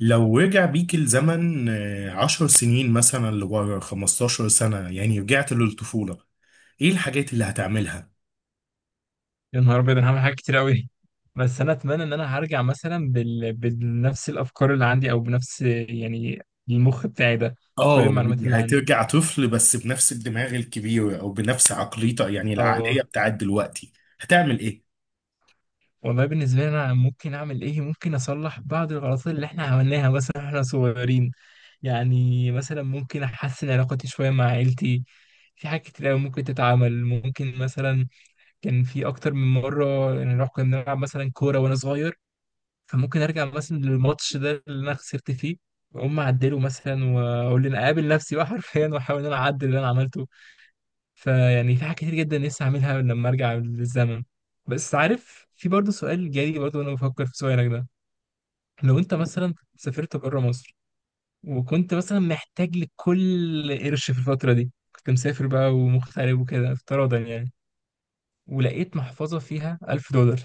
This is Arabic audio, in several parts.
لو رجع بيك الزمن 10 سنين مثلا لورا 15 سنة، يعني رجعت للطفولة. ايه الحاجات اللي هتعملها؟ يا نهار ابيض، انا هعمل حاجات كتير قوي. بس انا اتمنى ان انا هرجع مثلا بنفس الافكار اللي عندي او بنفس يعني المخ بتاعي ده. كل اه المعلومات اللي يعني عندي. هترجع طفل بس بنفس الدماغ الكبير او بنفس عقليته، يعني العقلية اه، بتاعت دلوقتي. هتعمل ايه؟ والله بالنسبه لي انا ممكن اعمل ايه؟ ممكن اصلح بعض الغلطات اللي احنا عملناها مثلا احنا صغيرين. يعني مثلا ممكن احسن علاقتي شويه مع عيلتي. في حاجات كتير قوي ممكن تتعمل، ممكن مثلا كان في اكتر من مره نروح كنا بنلعب مثلا كوره وانا صغير. فممكن ارجع مثلا للماتش ده اللي انا خسرت فيه واقوم اعدله مثلا واقول ان اقابل نفسي بقى حرفيا واحاول ان انا اعدل اللي انا عملته. فيعني في حاجات كتير جدا نفسي اعملها لما ارجع للزمن. بس عارف، في برضه سؤال جالي برضه وانا بفكر في سؤالك ده. لو انت مثلا سافرت بره مصر، وكنت مثلا محتاج لكل قرش في الفترة دي، كنت مسافر بقى ومغترب وكده افتراضا يعني. ولقيت محفظة فيها ألف دولار،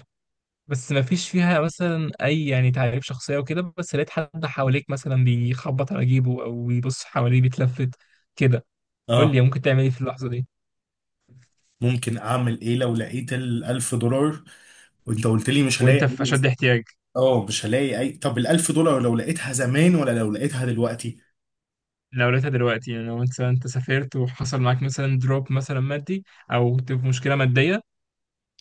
بس ما فيش فيها مثلا اي يعني تعريف شخصيه وكده، بس لقيت حد حواليك مثلا بيخبط على جيبه او بيبص حواليه بيتلفت كده. قول اه، لي، ممكن تعمل ايه في اللحظه دي ممكن اعمل ايه لو لقيت الالف دولار، وانت قلت لي مش هلاقي وانت في اي. اشد احتياج؟ اه مش هلاقي اي. طب الالف دولار لو لقيتها زمان ولا لو لقيتها دلوقتي؟ لو لقيتها دلوقتي، يعني لو انت سافرت وحصل معاك مثلا دروب مثلا مادي، او كنت في مشكله ماديه.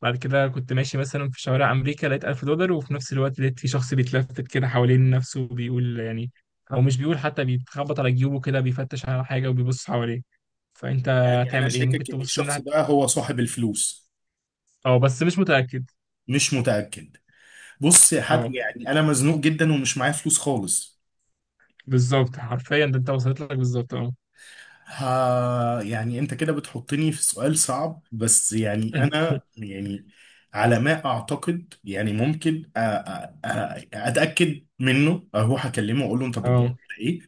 بعد كده كنت ماشي مثلا في شوارع امريكا، لقيت 1000 دولار، وفي نفس الوقت لقيت في شخص بيتلفت كده حوالين نفسه وبيقول يعني، او مش بيقول حتى، بيتخبط على جيوبه كده بيفتش على حاجه وبيبص حواليه. فانت يعني انا هتعمل ايه؟ ممكن شاكك ان تبص الشخص ده الناحيه. هو صاحب الفلوس. اه، بس مش متأكد. مش متأكد. بص يا حاج، اه، يعني انا مزنوق جدا ومش معايا فلوس خالص. بالظبط، حرفيا ده انت وصلت لك بالظبط، اه. ها يعني انت كده بتحطني في سؤال صعب، بس يعني انا يعني على ما اعتقد يعني ممكن اتاكد منه، اروح اكلمه واقول له انت بتدور اه، على ايه.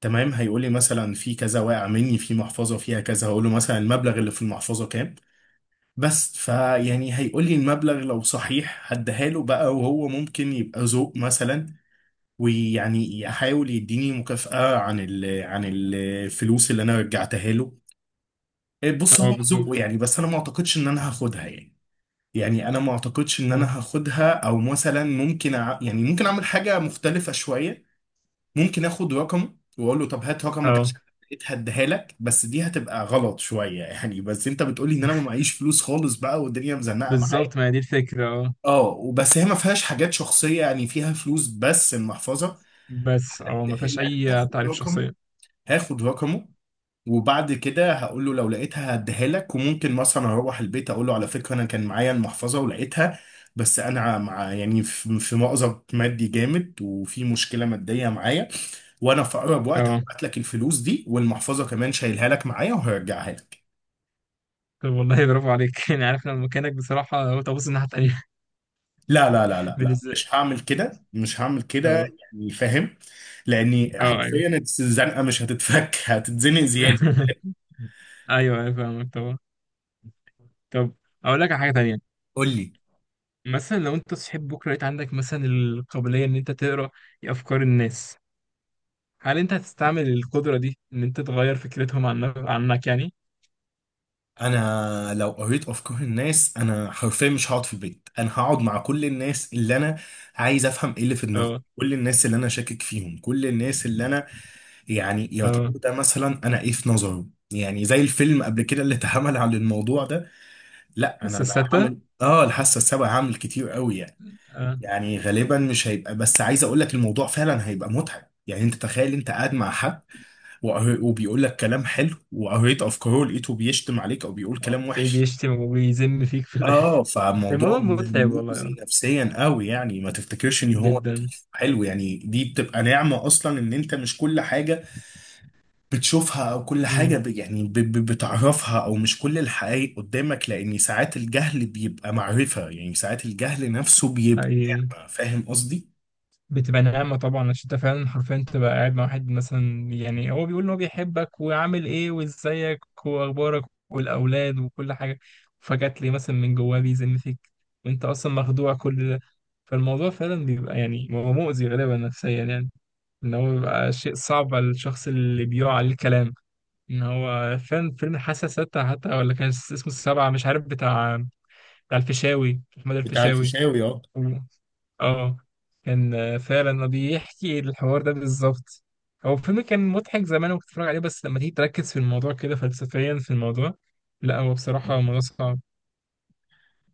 تمام، هيقول لي مثلا في كذا واقع مني في محفظه فيها كذا، هقول له مثلا المبلغ اللي في المحفظه كام. بس فيعني هيقول لي المبلغ، لو صحيح هديها له بقى، وهو ممكن يبقى ذوق مثلا ويعني احاول يديني مكافأة عن عن الفلوس اللي انا رجعتها له. إيه، بص هو اه، ذوقه يعني، بالظبط، بس انا ما اعتقدش ان انا هاخدها يعني. يعني انا ما اعتقدش ان اه. انا هاخدها، او مثلا ممكن يعني ممكن اعمل حاجة مختلفة شوية. ممكن اخد رقم واقول له طب هات رقمك اه، عشان لقيت هديها لك، بس دي هتبقى غلط شوية يعني، بس انت بتقولي ان انا ما معيش فلوس خالص بقى، والدنيا مزنقة معايا. بالظبط، ما هي دي الفكرة، اه. اه وبس هي ما فيهاش حاجات شخصية يعني، فيها فلوس بس المحفظة. بس اه، ما فيهاش يعني أي هاخد تعريف رقم، شخصية، هاخد رقمه، وبعد كده هقول له لو لقيتها هديها لك، وممكن مثلا اروح البيت اقول له على فكره انا كان معايا المحفظه ولقيتها، بس انا مع يعني في مأزق مادي جامد وفي مشكله ماديه معايا، وانا في اقرب وقت اه، هبعت لك الفلوس دي، والمحفظه كمان شايلها لك معايا وهرجعها لك. طب والله برافو عليك. يعني عارف لما مكانك بصراحة قلت أبص الناحية التانية. لا لا لا لا لا، بالنسبة، مش هعمل كده، مش هعمل كده. اه، يعني فاهم، لاني اه، أيوه. حرفيا الزنقه مش هتتفك، هتتزنق زياده. أيوه، أيوه، فاهمك طبعا. طب، أقول لك على حاجة تانية. قول لي. مثلا لو أنت صحيت بكرة لقيت عندك مثلا القابلية إن أنت تقرأ أفكار الناس، هل انت هتستعمل القدرة دي ان انت تغير فكرتهم عنك يعني؟ انا لو قريت افكار الناس انا حرفيا مش هقعد في البيت، انا هقعد مع كل الناس اللي انا عايز افهم ايه اللي في دماغهم، اه، كل الناس اللي انا شاكك فيهم، كل الناس اللي انا يعني يا ترى اه، ده مثلا، انا ايه في نظره، يعني زي الفيلم قبل كده اللي اتعمل على الموضوع ده. لا انا بس انا الستة، هعمل الحاسه السابعه، هعمل كتير قوي يعني. اه. يعني غالبا مش هيبقى، بس عايز اقول لك الموضوع فعلا هيبقى متعب، يعني انت تخيل انت قاعد مع حد وبيقول لك كلام حلو، وقريت افكاره لقيته بيشتم عليك او بيقول كلام تلاقيه وحش. بيشتم ويذم فيك في اه، الاخر. فموضوع الموضوع متعب والله، اه. مؤذي نفسيا قوي يعني، ما تفتكرش ان هو جدا. حلو. يعني دي بتبقى نعمة اصلا، ان انت مش كل حاجة بتشوفها، او كل حاجة امم. بتعرفها، او مش كل الحقائق قدامك، لان ساعات الجهل بيبقى معرفة، يعني ساعات الجهل نفسه بيبقى حقيقي. نعمة. فاهم قصدي؟ بتبقى نعمة طبعا عشان انت فعلا حرفيا تبقى قاعد مع واحد مثلا، يعني هو بيقول ان هو بيحبك وعامل ايه وازيك واخبارك والاولاد وكل حاجة، فجأة تلاقيه مثلا من جواه بيذم فيك وانت اصلا مخدوع كل ده. فالموضوع فعلا بيبقى يعني هو مؤذي غالبا نفسيا يعني، ان هو بيبقى شيء صعب على الشخص اللي بيقع عليه الكلام. ان هو فاهم فيلم الحاسه السادسه، حتى ولا كان اسمه السبعه، مش عارف، بتاع الفيشاوي، محمد بتاع الفيشاوي. الفيشاوي، اه. و- اه كان فعلا بيحكي الحوار ده بالظبط. هو الفيلم كان مضحك زمان وكنت بتفرج عليه، بس لما تيجي تركز في الموضوع كده فلسفيا في الموضوع، لا، هو بصراحه الموضوع صعب.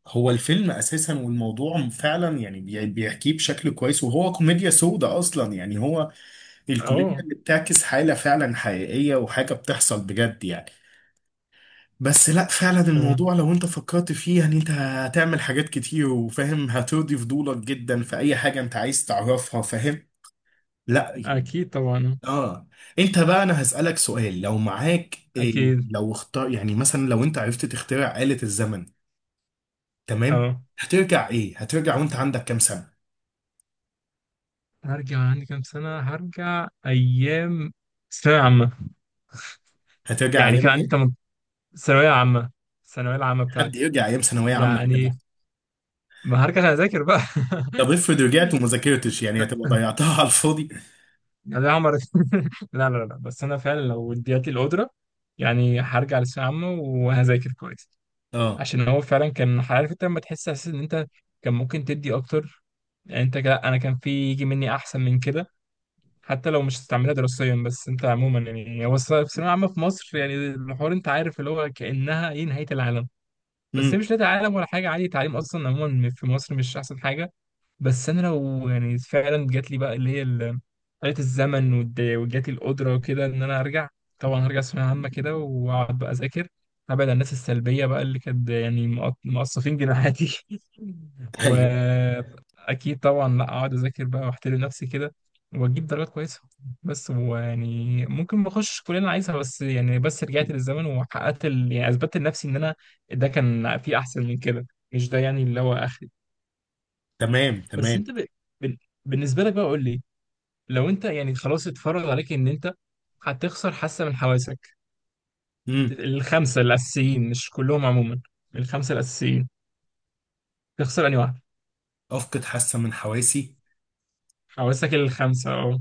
هو الفيلم اساسا والموضوع فعلا يعني بيحكيه بشكل كويس، وهو كوميديا سودة اصلا يعني، هو الكوميديا اه. اللي بتعكس حالة فعلا حقيقية، وحاجة بتحصل بجد يعني. بس لا، فعلا آه، الموضوع لو انت فكرت فيه يعني انت هتعمل حاجات كتير، وفاهم هترضي فضولك جدا في اي حاجة انت عايز تعرفها، فاهم. لا يعني. اكيد طبعا. اه. انت بقى انا هسألك سؤال، لو معاك إيه، اكيد، لو اختار يعني مثلا لو انت عرفت تخترع آلة الزمن. تمام، اه. هترجع ايه، هترجع وانت عندك كام سنة؟ هرجع عندي كام سنه؟ هرجع ايام ثانوية عامة. هترجع يعني ايام كان عندي ايه؟ ثانوية عامة، الثانوية العامة حد بتاعتي. يرجع ايام ثانوية عامة يا جدع. يعني ما هرجع أذاكر بقى طب افرض رجعت وما يعني، ذاكرتش، يعني هتبقى ضيعتها على الفاضي. يا ده عمر لا لا لا، بس أنا فعلا لو اديت لي القدرة، يعني هرجع للثانوية العامة وهذاكر كويس. اه. عشان هو فعلا كان عارف، أنت لما تحس أساسا إن أنت كان ممكن تدي أكتر. يعني أنت، لا، أنا كان في يجي مني أحسن من كده. حتى لو مش هتستعملها دراسيا، بس أنت عموما، يعني هو الثانوية العامة في مصر، يعني الحوار، أنت عارف اللي هو كأنها إيه، نهاية العالم. بس هي امم. مش نادي عالم ولا حاجه، عادي، التعليم اصلا عموما في مصر مش احسن حاجه. بس انا لو يعني فعلا جات لي بقى اللي هي آلة الزمن، وجات لي القدرة وكده ان انا ارجع، طبعا هرجع ثانوية عامة كده واقعد بقى اذاكر، ابعد عن الناس السلبية بقى اللي كانت يعني مقصفين جناحاتي ايوه. واكيد طبعا لا اقعد اذاكر بقى واحترم نفسي كده واجيب درجات كويسة. بس ويعني ممكن ما اخش الكلية اللي انا عايزها، بس يعني بس رجعت للزمن وحققت يعني اثبتت لنفسي ان انا ده كان في احسن من كده، مش ده يعني اللي هو اخري. تمام بس تمام. انت بال- بالنسبه لك بقى قول لي، لو انت يعني خلاص اتفرج عليك ان انت هتخسر حاسه من حواسك امم. الخمسه الاساسيين، مش كلهم عموما، الخمسه الاساسيين، تخسر انهي واحده؟ افقد حاسه من حواسي. حواسك الخمسه، اه.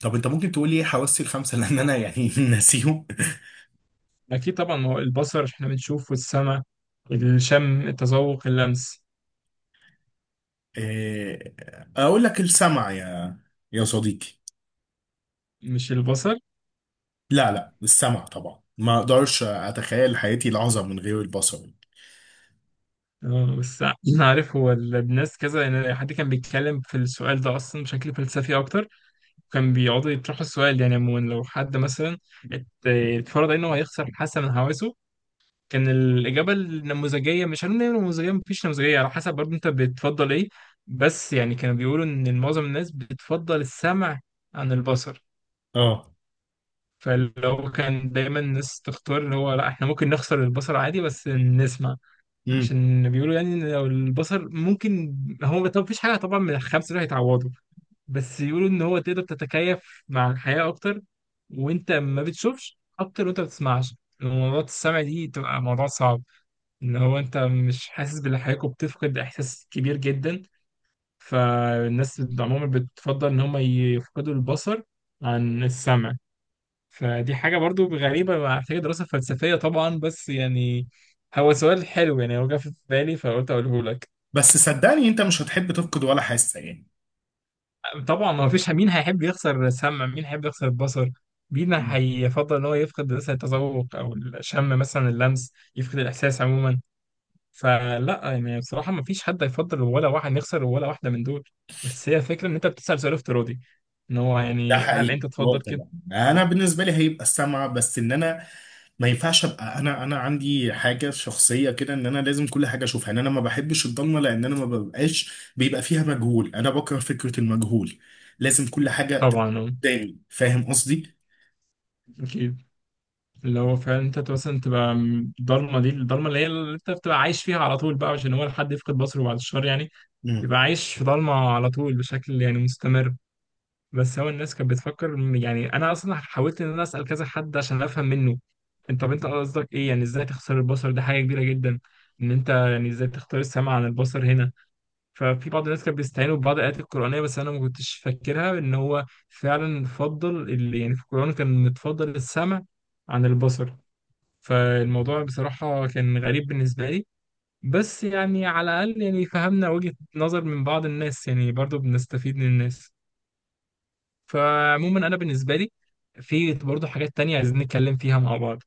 طب انت ممكن تقول لي ايه حواسي الخمسه لان انا يعني ناسيهم. اكيد طبعا، ما هو البصر احنا بنشوف، والسمع، الشم، التذوق، اللمس. آه، اقول لك السمع يا صديقي. مش البصر؟ لا لا، السمع طبعا، ما اقدرش اتخيل حياتي لحظه من غير البصر. اه، بس انا عارف، هو الناس كذا يعني، حد كان بيتكلم في السؤال ده اصلا بشكل فلسفي اكتر، كان بيقعدوا يطرحوا السؤال. يعني عموما لو حد مثلا اتفرض انه هيخسر حاسه من حواسه، كان الاجابه النموذجيه، مش هنقول إن هي نموذجيه، مفيش نموذجيه على حسب برضه انت بتفضل ايه، بس يعني كانوا بيقولوا ان معظم الناس بتفضل السمع عن البصر. اه. فلو كان دايما الناس تختار اللي هو، لا، احنا ممكن نخسر البصر عادي بس نسمع. مم. عشان بيقولوا يعني ان لو البصر ممكن، هو طب مفيش حاجه طبعا من الخمسه دول هيتعوضوا، بس يقولوا ان هو تقدر تتكيف مع الحياة اكتر وانت ما بتشوفش اكتر وانت ما بتسمعش. موضوع السمع دي تبقى موضوع صعب، ان هو انت مش حاسس باللي حواليك وبتفقد احساس كبير جدا. فالناس عموما بتفضل ان هم يفقدوا البصر عن السمع. فدي حاجة برضو غريبة محتاجة دراسة فلسفية طبعا، بس يعني هو سؤال حلو، يعني هو جه في بالي فقلت اقوله لك. بس صدقني انت مش هتحب تفقد ولا حاسه يعني. طبعا ما فيش مين هيحب يخسر السمع، مين هيحب يخسر البصر، مين مم. هيفضل ان هو يفقد مثلا التذوق او الشم مثلا اللمس، يفقد الاحساس عموما. فلا، يعني بصراحه ما فيش حد هيفضل ولا واحد يخسر ولا واحده من دول. بس هي الفكره ان انت بتسال سؤال افتراضي، ان هو ده يعني هل حقيقي، انت اه تفضل كده؟ طبعا، انا اه بالنسبه لي هيبقى السمع، بس ان انا ما ينفعش ابقى، انا عندي حاجه شخصيه كده ان انا لازم كل حاجه اشوفها، ان انا ما بحبش الضلمه، لان انا ما ببقاش بيبقى فيها مجهول، انا بكره فكره المجهول. لازم كل حاجه طبعا، تبقى اه، قدامي، فاهم قصدي؟ اكيد. اللي هو فعلا انت مثلا تبقى، الضلمه دي، الضلمه اللي هي اللي انت بتبقى عايش فيها على طول بقى، عشان هو لحد يفقد بصره بعد الشهر يعني مم. بيبقى عايش في ضلمه على طول بشكل يعني مستمر. بس هو الناس كانت بتفكر يعني انا اصلا حاولت ان انا اسال كذا حد عشان افهم منه، انت طب انت قصدك ايه يعني؟ ازاي تختار البصر؟ ده حاجه كبيره جدا ان انت يعني ازاي تختار السمع عن البصر هنا. ففي بعض الناس كانت بيستعينوا ببعض الايات القرانيه، بس انا ما كنتش فاكرها ان هو فعلا فضل، اللي يعني في القران كان متفضل السمع عن البصر. فالموضوع بصراحه كان غريب بالنسبه لي، بس يعني على الاقل يعني فهمنا وجهه نظر من بعض الناس، يعني برضو بنستفيد من الناس. فعموما انا بالنسبه لي، في برضه حاجات تانية عايزين نتكلم فيها مع بعض،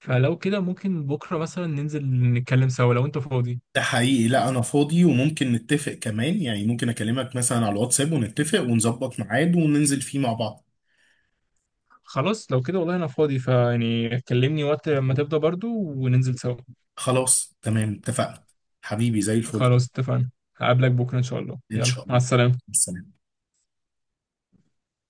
فلو كده ممكن بكره مثلا ننزل نتكلم سوا لو انت فاضي. ده حقيقي. لا انا فاضي، وممكن نتفق كمان يعني، ممكن اكلمك مثلا على الواتساب ونتفق ونظبط ميعاد وننزل فيه مع بعض. خلاص لو كده والله انا فاضي، فيعني كلمني وقت ما تفضى برضه وننزل سوا. خلاص تمام اتفقنا. حبيبي زي الفل. خلاص، اتفقنا. هقابلك بكره ان شاء الله، ان شاء يلا، مع الله. السلامه. السلام.